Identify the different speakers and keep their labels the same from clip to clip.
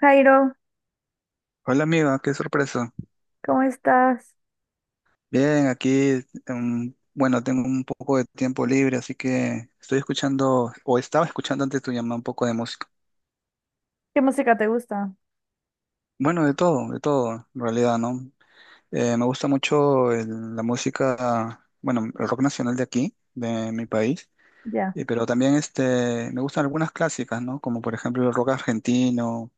Speaker 1: Jairo,
Speaker 2: Hola amiga, qué sorpresa.
Speaker 1: ¿cómo estás?
Speaker 2: Bien, aquí, bueno, tengo un poco de tiempo libre, así que estoy escuchando, o estaba escuchando antes de tu llamada un poco de música.
Speaker 1: ¿Qué música te gusta?
Speaker 2: Bueno, de todo, en realidad, ¿no? Me gusta mucho la música, bueno, el rock nacional de aquí, de mi país,
Speaker 1: Ya,
Speaker 2: pero también este, me gustan algunas clásicas, ¿no? Como por ejemplo el rock argentino.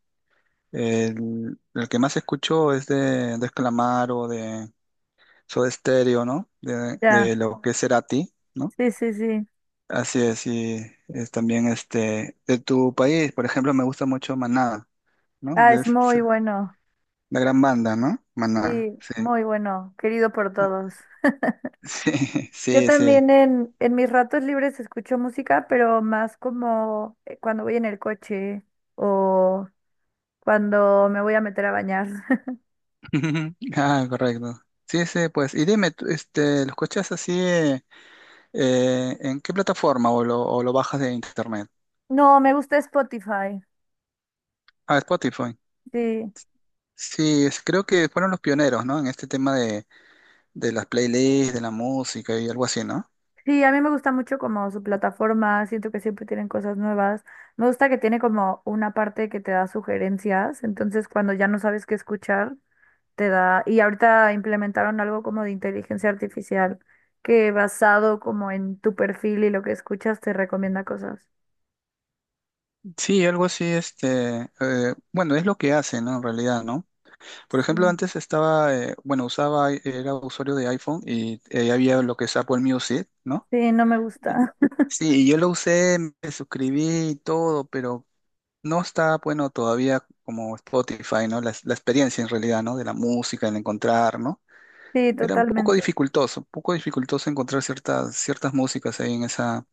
Speaker 2: El que más escucho es de Calamaro, de Soda Stereo, ¿no?
Speaker 1: ya.
Speaker 2: De lo que es Cerati. ¿No?
Speaker 1: Sí, sí, sí.
Speaker 2: Así es, y es también este de tu país, por ejemplo, me gusta mucho Maná, ¿no?
Speaker 1: Ah,
Speaker 2: De
Speaker 1: es
Speaker 2: es
Speaker 1: muy bueno.
Speaker 2: la gran banda, ¿no? Maná,
Speaker 1: Sí,
Speaker 2: sí.
Speaker 1: muy bueno, querido por todos.
Speaker 2: Sí,
Speaker 1: Yo
Speaker 2: sí, sí.
Speaker 1: también en mis ratos libres escucho música, pero más como cuando voy en el coche o cuando me voy a meter a bañar.
Speaker 2: Ah, correcto. Sí, sí, pues. Y dime, tú, este, ¿lo escuchas así en qué plataforma o o lo bajas de internet?
Speaker 1: No, me gusta Spotify.
Speaker 2: Ah, Spotify.
Speaker 1: Sí,
Speaker 2: Sí, creo que fueron los pioneros, ¿no? En este tema de las playlists, de la música y algo así, ¿no?
Speaker 1: sí, a mí me gusta mucho como su plataforma, siento que siempre tienen cosas nuevas. Me gusta que tiene como una parte que te da sugerencias, entonces cuando ya no sabes qué escuchar, te da... Y ahorita implementaron algo como de inteligencia artificial que basado como en tu perfil y lo que escuchas te recomienda cosas.
Speaker 2: Sí, algo así, este, bueno, es lo que hacen, ¿no? En realidad, ¿no? Por ejemplo,
Speaker 1: Sí,
Speaker 2: antes estaba, bueno, usaba, era usuario de iPhone y había lo que es Apple Music, ¿no?
Speaker 1: sí, no me
Speaker 2: Y-
Speaker 1: gusta.
Speaker 2: Sí, y yo lo usé, me suscribí y todo, pero no está, bueno, todavía como Spotify, ¿no? La experiencia en realidad, ¿no? De la música, el encontrar, ¿no?
Speaker 1: Sí,
Speaker 2: Era
Speaker 1: totalmente.
Speaker 2: un poco dificultoso encontrar ciertas, ciertas músicas ahí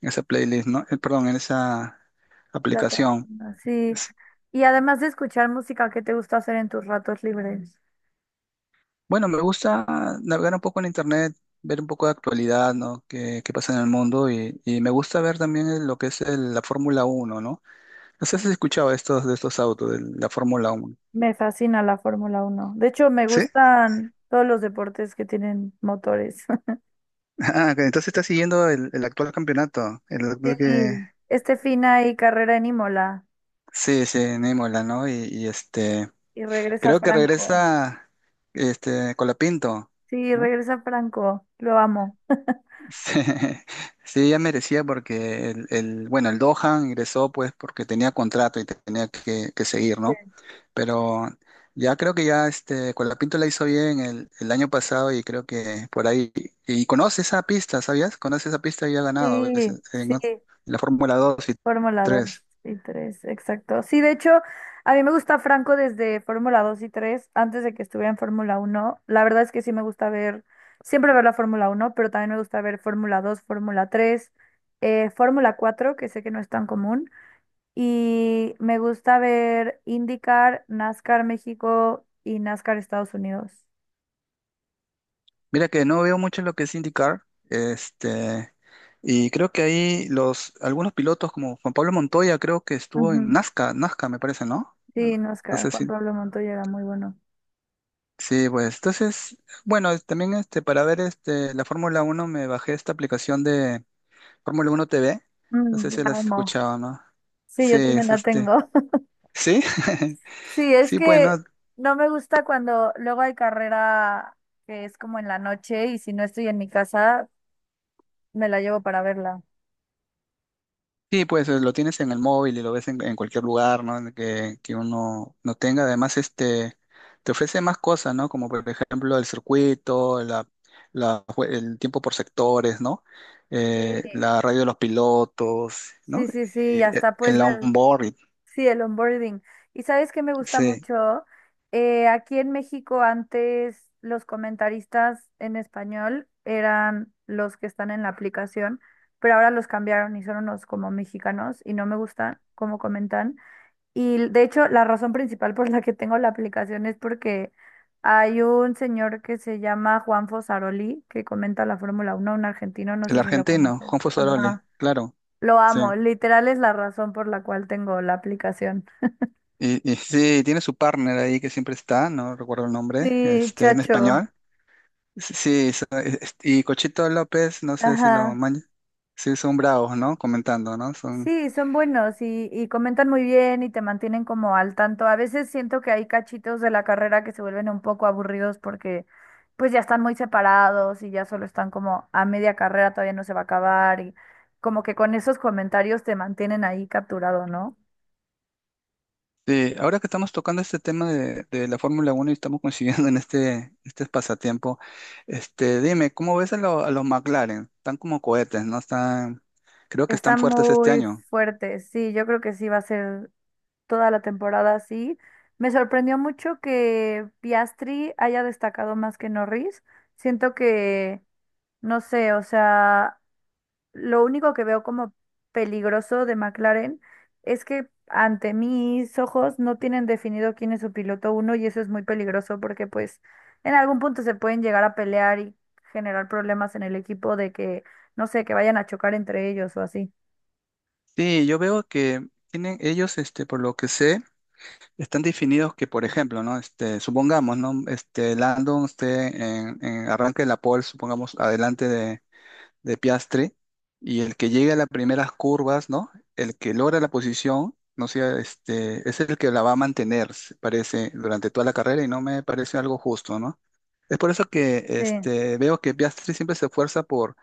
Speaker 2: en esa playlist, ¿no? Perdón, en esa aplicación.
Speaker 1: Plataforma, sí. Y además de escuchar música, ¿qué te gusta hacer en tus ratos libres?
Speaker 2: Bueno, me gusta navegar un poco en internet, ver un poco de actualidad, ¿no? Qué, qué pasa en el mundo y me gusta ver también lo que es la Fórmula Uno, ¿no? No sé si has escuchado estos, de estos autos, de la Fórmula Uno.
Speaker 1: Me fascina la Fórmula uno. De hecho, me
Speaker 2: ¿Sí?
Speaker 1: gustan todos los deportes que tienen motores.
Speaker 2: Ah, ok, entonces estás siguiendo el actual campeonato, el actual que...
Speaker 1: Sí, este fin hay carrera en Imola
Speaker 2: Sí, sí, en ¿no? Y, este,
Speaker 1: y regresa
Speaker 2: creo que
Speaker 1: Franco.
Speaker 2: regresa este, Colapinto,
Speaker 1: Sí,
Speaker 2: ¿no?
Speaker 1: regresa Franco. Lo amo.
Speaker 2: Sí, sí, ya merecía porque bueno, el Dohan ingresó pues porque tenía contrato y tenía que seguir, ¿no? Pero ya creo que ya este Colapinto la hizo bien el año pasado y creo que por ahí, y conoce esa pista, ¿sabías? Conoce esa pista y ha
Speaker 1: Sí,
Speaker 2: ganado a veces en,
Speaker 1: sí, sí.
Speaker 2: en la Fórmula 2 y
Speaker 1: Fórmula 2
Speaker 2: 3.
Speaker 1: y 3, exacto. Sí, de hecho, a mí me gusta Franco desde Fórmula 2 y 3, antes de que estuviera en Fórmula uno. La verdad es que sí me gusta ver, siempre ver la Fórmula uno, pero también me gusta ver Fórmula 2, Fórmula 3, Fórmula 4, que sé que no es tan común. Y me gusta ver IndyCar, NASCAR México y NASCAR Estados Unidos.
Speaker 2: Mira que no veo mucho lo que es indicar este, y creo que ahí los, algunos pilotos como Juan Pablo Montoya creo que estuvo en
Speaker 1: Ujú.
Speaker 2: Nazca, Nazca me parece, ¿no?
Speaker 1: Sí,
Speaker 2: No
Speaker 1: NASCAR,
Speaker 2: sé
Speaker 1: Juan
Speaker 2: si,
Speaker 1: Pablo Montoya era muy bueno.
Speaker 2: sí, pues, entonces, bueno, también este, para ver este, la Fórmula Uno me bajé esta aplicación de Fórmula 1 TV, no
Speaker 1: Mm,
Speaker 2: sé
Speaker 1: la
Speaker 2: si la has
Speaker 1: amo.
Speaker 2: escuchado, ¿no?
Speaker 1: Sí,
Speaker 2: Sí,
Speaker 1: yo también
Speaker 2: es
Speaker 1: la
Speaker 2: este,
Speaker 1: tengo.
Speaker 2: sí,
Speaker 1: Sí, es
Speaker 2: sí, pues, ¿no?
Speaker 1: que no me gusta cuando luego hay carrera que es como en la noche y si no estoy en mi casa, me la llevo para verla.
Speaker 2: Sí, pues lo tienes en el móvil y lo ves en cualquier lugar, ¿no? En que uno no tenga. Además, este, te ofrece más cosas, ¿no? Como por ejemplo el circuito, la, el tiempo por sectores, ¿no?
Speaker 1: Sí,
Speaker 2: La radio de los pilotos, ¿no?
Speaker 1: sí, sí, sí,
Speaker 2: Y,
Speaker 1: y hasta puedes
Speaker 2: el
Speaker 1: ver,
Speaker 2: onboard,
Speaker 1: sí, el onboarding. ¿Y sabes qué me gusta
Speaker 2: sí.
Speaker 1: mucho? Aquí en México antes los comentaristas en español eran los que están en la aplicación, pero ahora los cambiaron y son unos como mexicanos y no me gustan cómo comentan. Y de hecho, la razón principal por la que tengo la aplicación es porque hay un señor que se llama Juan Fosaroli, que comenta la Fórmula Uno, un argentino, no
Speaker 2: El
Speaker 1: sé si lo
Speaker 2: argentino,
Speaker 1: conoces.
Speaker 2: Juan Fusoroli,
Speaker 1: Ajá.
Speaker 2: claro,
Speaker 1: Lo
Speaker 2: sí.
Speaker 1: amo, literal es la razón por la cual tengo la aplicación.
Speaker 2: Y sí, tiene su partner ahí que siempre está, no recuerdo el nombre,
Speaker 1: Sí,
Speaker 2: este, en
Speaker 1: chacho.
Speaker 2: español. Sí, y Cochito López, no sé si lo
Speaker 1: Ajá.
Speaker 2: maña. Sí, son bravos, ¿no? Comentando, ¿no? Son...
Speaker 1: Sí, son buenos y comentan muy bien y te mantienen como al tanto. A veces siento que hay cachitos de la carrera que se vuelven un poco aburridos porque pues ya están muy separados y ya solo están como a media carrera, todavía no se va a acabar y como que con esos comentarios te mantienen ahí capturado, ¿no?
Speaker 2: Sí, ahora que estamos tocando este tema de la Fórmula Uno y estamos coincidiendo en este, este pasatiempo, este, dime, ¿cómo ves a, a los McLaren? Están como cohetes, ¿no? Están, creo que están
Speaker 1: Está
Speaker 2: fuertes este
Speaker 1: muy
Speaker 2: año.
Speaker 1: fuerte, sí, yo creo que sí va a ser toda la temporada así. Me sorprendió mucho que Piastri haya destacado más que Norris. Siento que... No sé, o sea, lo único que veo como peligroso de McLaren es que ante mis ojos no tienen definido quién es su piloto uno y eso es muy peligroso porque pues en algún punto se pueden llegar a pelear y generar problemas en el equipo de que, no sé, que vayan a chocar entre ellos o así.
Speaker 2: Sí, yo veo que tienen ellos, este, por lo que sé, están definidos que, por ejemplo, ¿no? Este, supongamos, ¿no? Este, Landon esté en arranque de la pole, supongamos, adelante de Piastre y el que llegue a las primeras curvas, ¿no? El que logra la posición, no sea, este, es el que la va a mantener, se parece, durante toda la carrera y no me parece algo justo, ¿no? Es por eso que
Speaker 1: Sí,
Speaker 2: este, veo que Piastri siempre se esfuerza por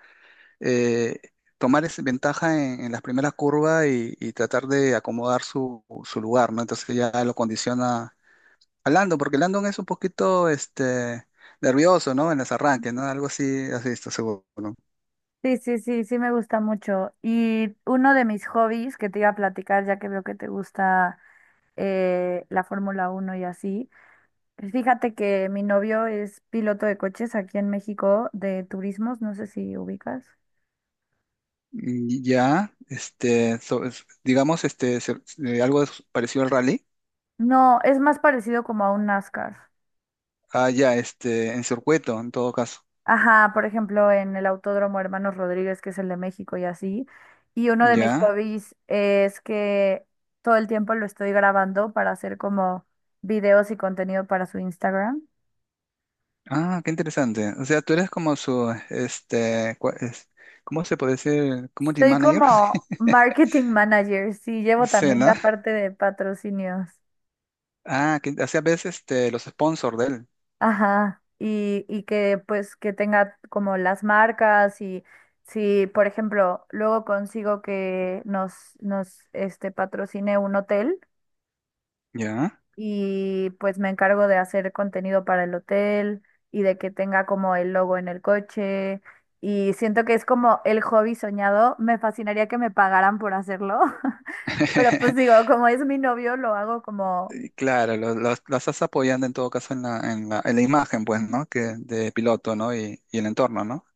Speaker 2: eh, tomar esa ventaja en las primeras curvas y tratar de acomodar su, su lugar, ¿no? Entonces ya lo condiciona a Landon, porque Landon es un poquito este, nervioso, ¿no? En los arranques, ¿no? Algo así, así, esto, seguro. ¿No?
Speaker 1: sí, sí, sí, sí me gusta mucho. Y uno de mis hobbies que te iba a platicar, ya que veo que te gusta la Fórmula Uno y así, fíjate que mi novio es piloto de coches aquí en México de turismos, no sé si ubicas.
Speaker 2: Mm, ya, este, digamos, este, algo parecido al rally.
Speaker 1: No, es más parecido como a un NASCAR.
Speaker 2: Ah, ya, este, en circuito, en todo caso.
Speaker 1: Ajá, por ejemplo, en el Autódromo Hermanos Rodríguez, que es el de México y así. Y uno de mis
Speaker 2: Ya.
Speaker 1: hobbies es que todo el tiempo lo estoy grabando para hacer como videos y contenido para su Instagram.
Speaker 2: Ah, qué interesante. O sea, tú eres como su, este, ¿cómo se puede decir? Community
Speaker 1: Soy
Speaker 2: manager.
Speaker 1: como marketing manager, sí, llevo
Speaker 2: Sí,
Speaker 1: también
Speaker 2: ¿no?
Speaker 1: la parte de patrocinios.
Speaker 2: Ah, que hace a veces, este, los sponsors de él.
Speaker 1: Ajá, y que pues que tenga como las marcas y si, por ejemplo, luego consigo que nos, nos patrocine un hotel
Speaker 2: Ya.
Speaker 1: y pues me encargo de hacer contenido para el hotel y de que tenga como el logo en el coche y siento que es como el hobby soñado, me fascinaría que me pagaran por hacerlo, pero pues digo, como es mi novio, lo hago como
Speaker 2: Y claro, los, las estás apoyando en todo caso en la, en la, en la imagen, pues, ¿no? Que de piloto, ¿no? Y el entorno, ¿no?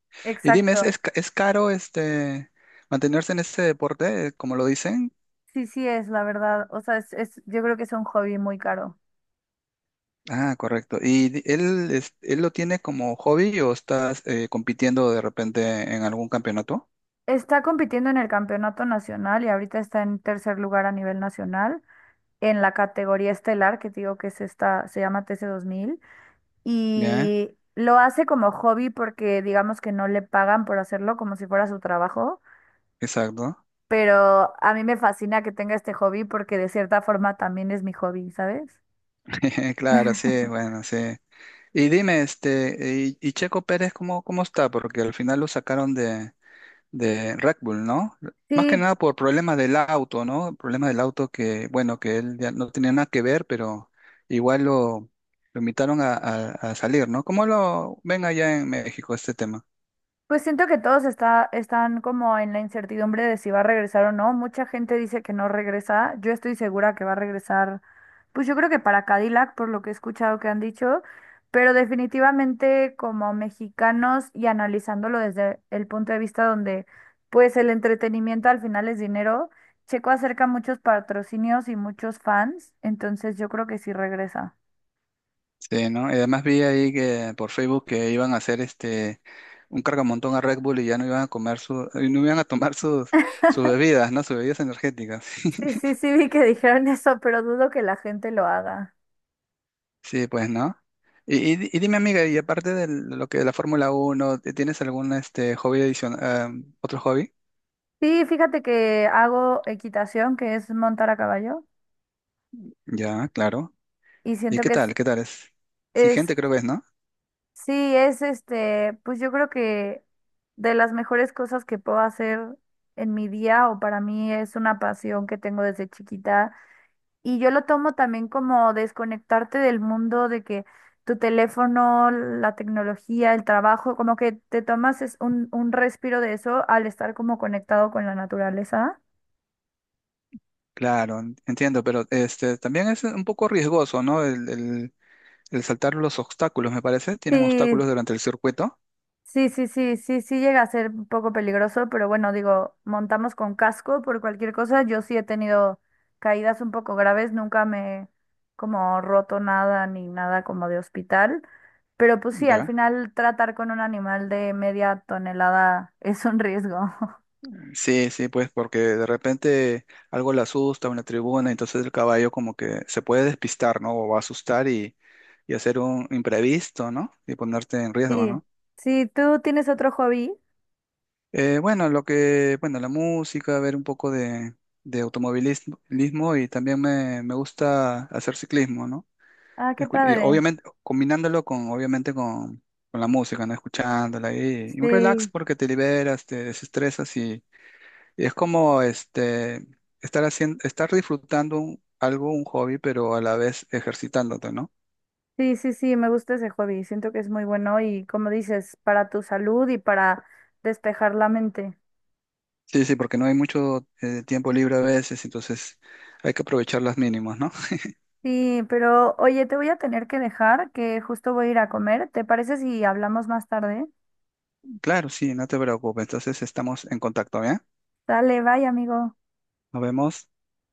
Speaker 2: Y dime,
Speaker 1: exacto.
Speaker 2: es, es caro este mantenerse en este deporte, como lo dicen?
Speaker 1: Sí, sí es, la verdad. O sea, es, yo creo que es un hobby muy caro.
Speaker 2: Ah, correcto. ¿Y él, él lo tiene como hobby o estás compitiendo de repente en algún campeonato?
Speaker 1: Está compitiendo en el campeonato nacional y ahorita está en tercer lugar a nivel nacional en la categoría estelar, que te digo que es esta, se llama TC2000,
Speaker 2: Ya,
Speaker 1: y lo hace como hobby porque digamos que no le pagan por hacerlo como si fuera su trabajo,
Speaker 2: exacto.
Speaker 1: pero a mí me fascina que tenga este hobby porque de cierta forma también es mi hobby, ¿sabes?
Speaker 2: Claro, sí, bueno, sí. Y dime, este, y Checo Pérez, ¿cómo, cómo está? Porque al final lo sacaron de Red Bull, ¿no? Más
Speaker 1: Sí,
Speaker 2: que nada por problemas del auto, ¿no? Problemas del auto que, bueno, que él ya no tenía nada que ver, pero igual lo invitaron a, a salir, ¿no? ¿Cómo lo ven allá en México este tema?
Speaker 1: pues siento que todos está, están como en la incertidumbre de si va a regresar o no. Mucha gente dice que no regresa. Yo estoy segura que va a regresar, pues yo creo que para Cadillac, por lo que he escuchado que han dicho, pero definitivamente como mexicanos y analizándolo desde el punto de vista donde pues el entretenimiento al final es dinero, Checo acerca muchos patrocinios y muchos fans, entonces yo creo que sí regresa.
Speaker 2: Sí, ¿no? Y además vi ahí que por Facebook que iban a hacer este un cargamontón a Red Bull y ya no iban a comer su, y no iban a tomar sus, sus bebidas, ¿no? Sus bebidas energéticas.
Speaker 1: Sí, sí, sí, vi que dijeron eso, pero dudo que la gente lo haga.
Speaker 2: Sí, pues, ¿no? Y, y dime, amiga, y aparte de lo que de la Fórmula Uno, ¿tienes algún este hobby adicional, otro hobby?
Speaker 1: Sí, fíjate que hago equitación, que es montar a caballo,
Speaker 2: Ya, claro.
Speaker 1: y
Speaker 2: ¿Y
Speaker 1: siento
Speaker 2: qué
Speaker 1: que
Speaker 2: tal? ¿Qué tal es?
Speaker 1: es,
Speaker 2: Exigente creo que es, ¿no?
Speaker 1: sí, pues yo creo que de las mejores cosas que puedo hacer en mi día o para mí es una pasión que tengo desde chiquita. Y yo lo tomo también como desconectarte del mundo, de que tu teléfono, la tecnología, el trabajo, como que te tomas es un respiro de eso al estar como conectado con la naturaleza.
Speaker 2: Claro, entiendo, pero este también es un poco riesgoso, ¿no? El saltar los obstáculos, me parece. Tienen
Speaker 1: Sí,
Speaker 2: obstáculos durante el circuito.
Speaker 1: sí, sí, sí, sí, sí llega a ser un poco peligroso, pero bueno, digo, montamos con casco por cualquier cosa. Yo sí he tenido caídas un poco graves, nunca me he como roto nada ni nada como de hospital, pero pues sí, al
Speaker 2: Ya.
Speaker 1: final tratar con un animal de media tonelada es un riesgo.
Speaker 2: Sí, sí, pues porque de repente algo le asusta, una tribuna, entonces el caballo como que se puede despistar, ¿no? O va a asustar y hacer un imprevisto, ¿no? Y ponerte en riesgo,
Speaker 1: Sí,
Speaker 2: ¿no?
Speaker 1: sí, ¿tú tienes otro hobby?
Speaker 2: Bueno, lo que, bueno, la música, ver un poco de automovilismo lismo, y también me gusta hacer ciclismo, ¿no?
Speaker 1: Ah, qué
Speaker 2: Y
Speaker 1: padre.
Speaker 2: obviamente, combinándolo con, obviamente con la música, ¿no? Escuchándola y un relax
Speaker 1: Sí,
Speaker 2: porque te liberas, te desestresas. Y es como este, estar haciendo, estar disfrutando algo, un hobby, pero a la vez ejercitándote, ¿no?
Speaker 1: sí, sí, sí, me gusta ese hobby, siento que es muy bueno y como dices, para tu salud y para despejar la mente.
Speaker 2: Sí, sí, porque no hay mucho tiempo libre a veces, entonces hay que aprovechar las mínimas, ¿no?
Speaker 1: Sí, pero oye, te voy a tener que dejar, que justo voy a ir a comer. ¿Te parece si hablamos más tarde?
Speaker 2: Claro, sí, no te preocupes. Entonces estamos en contacto, ¿bien?
Speaker 1: Dale, bye, amigo.
Speaker 2: Nos vemos.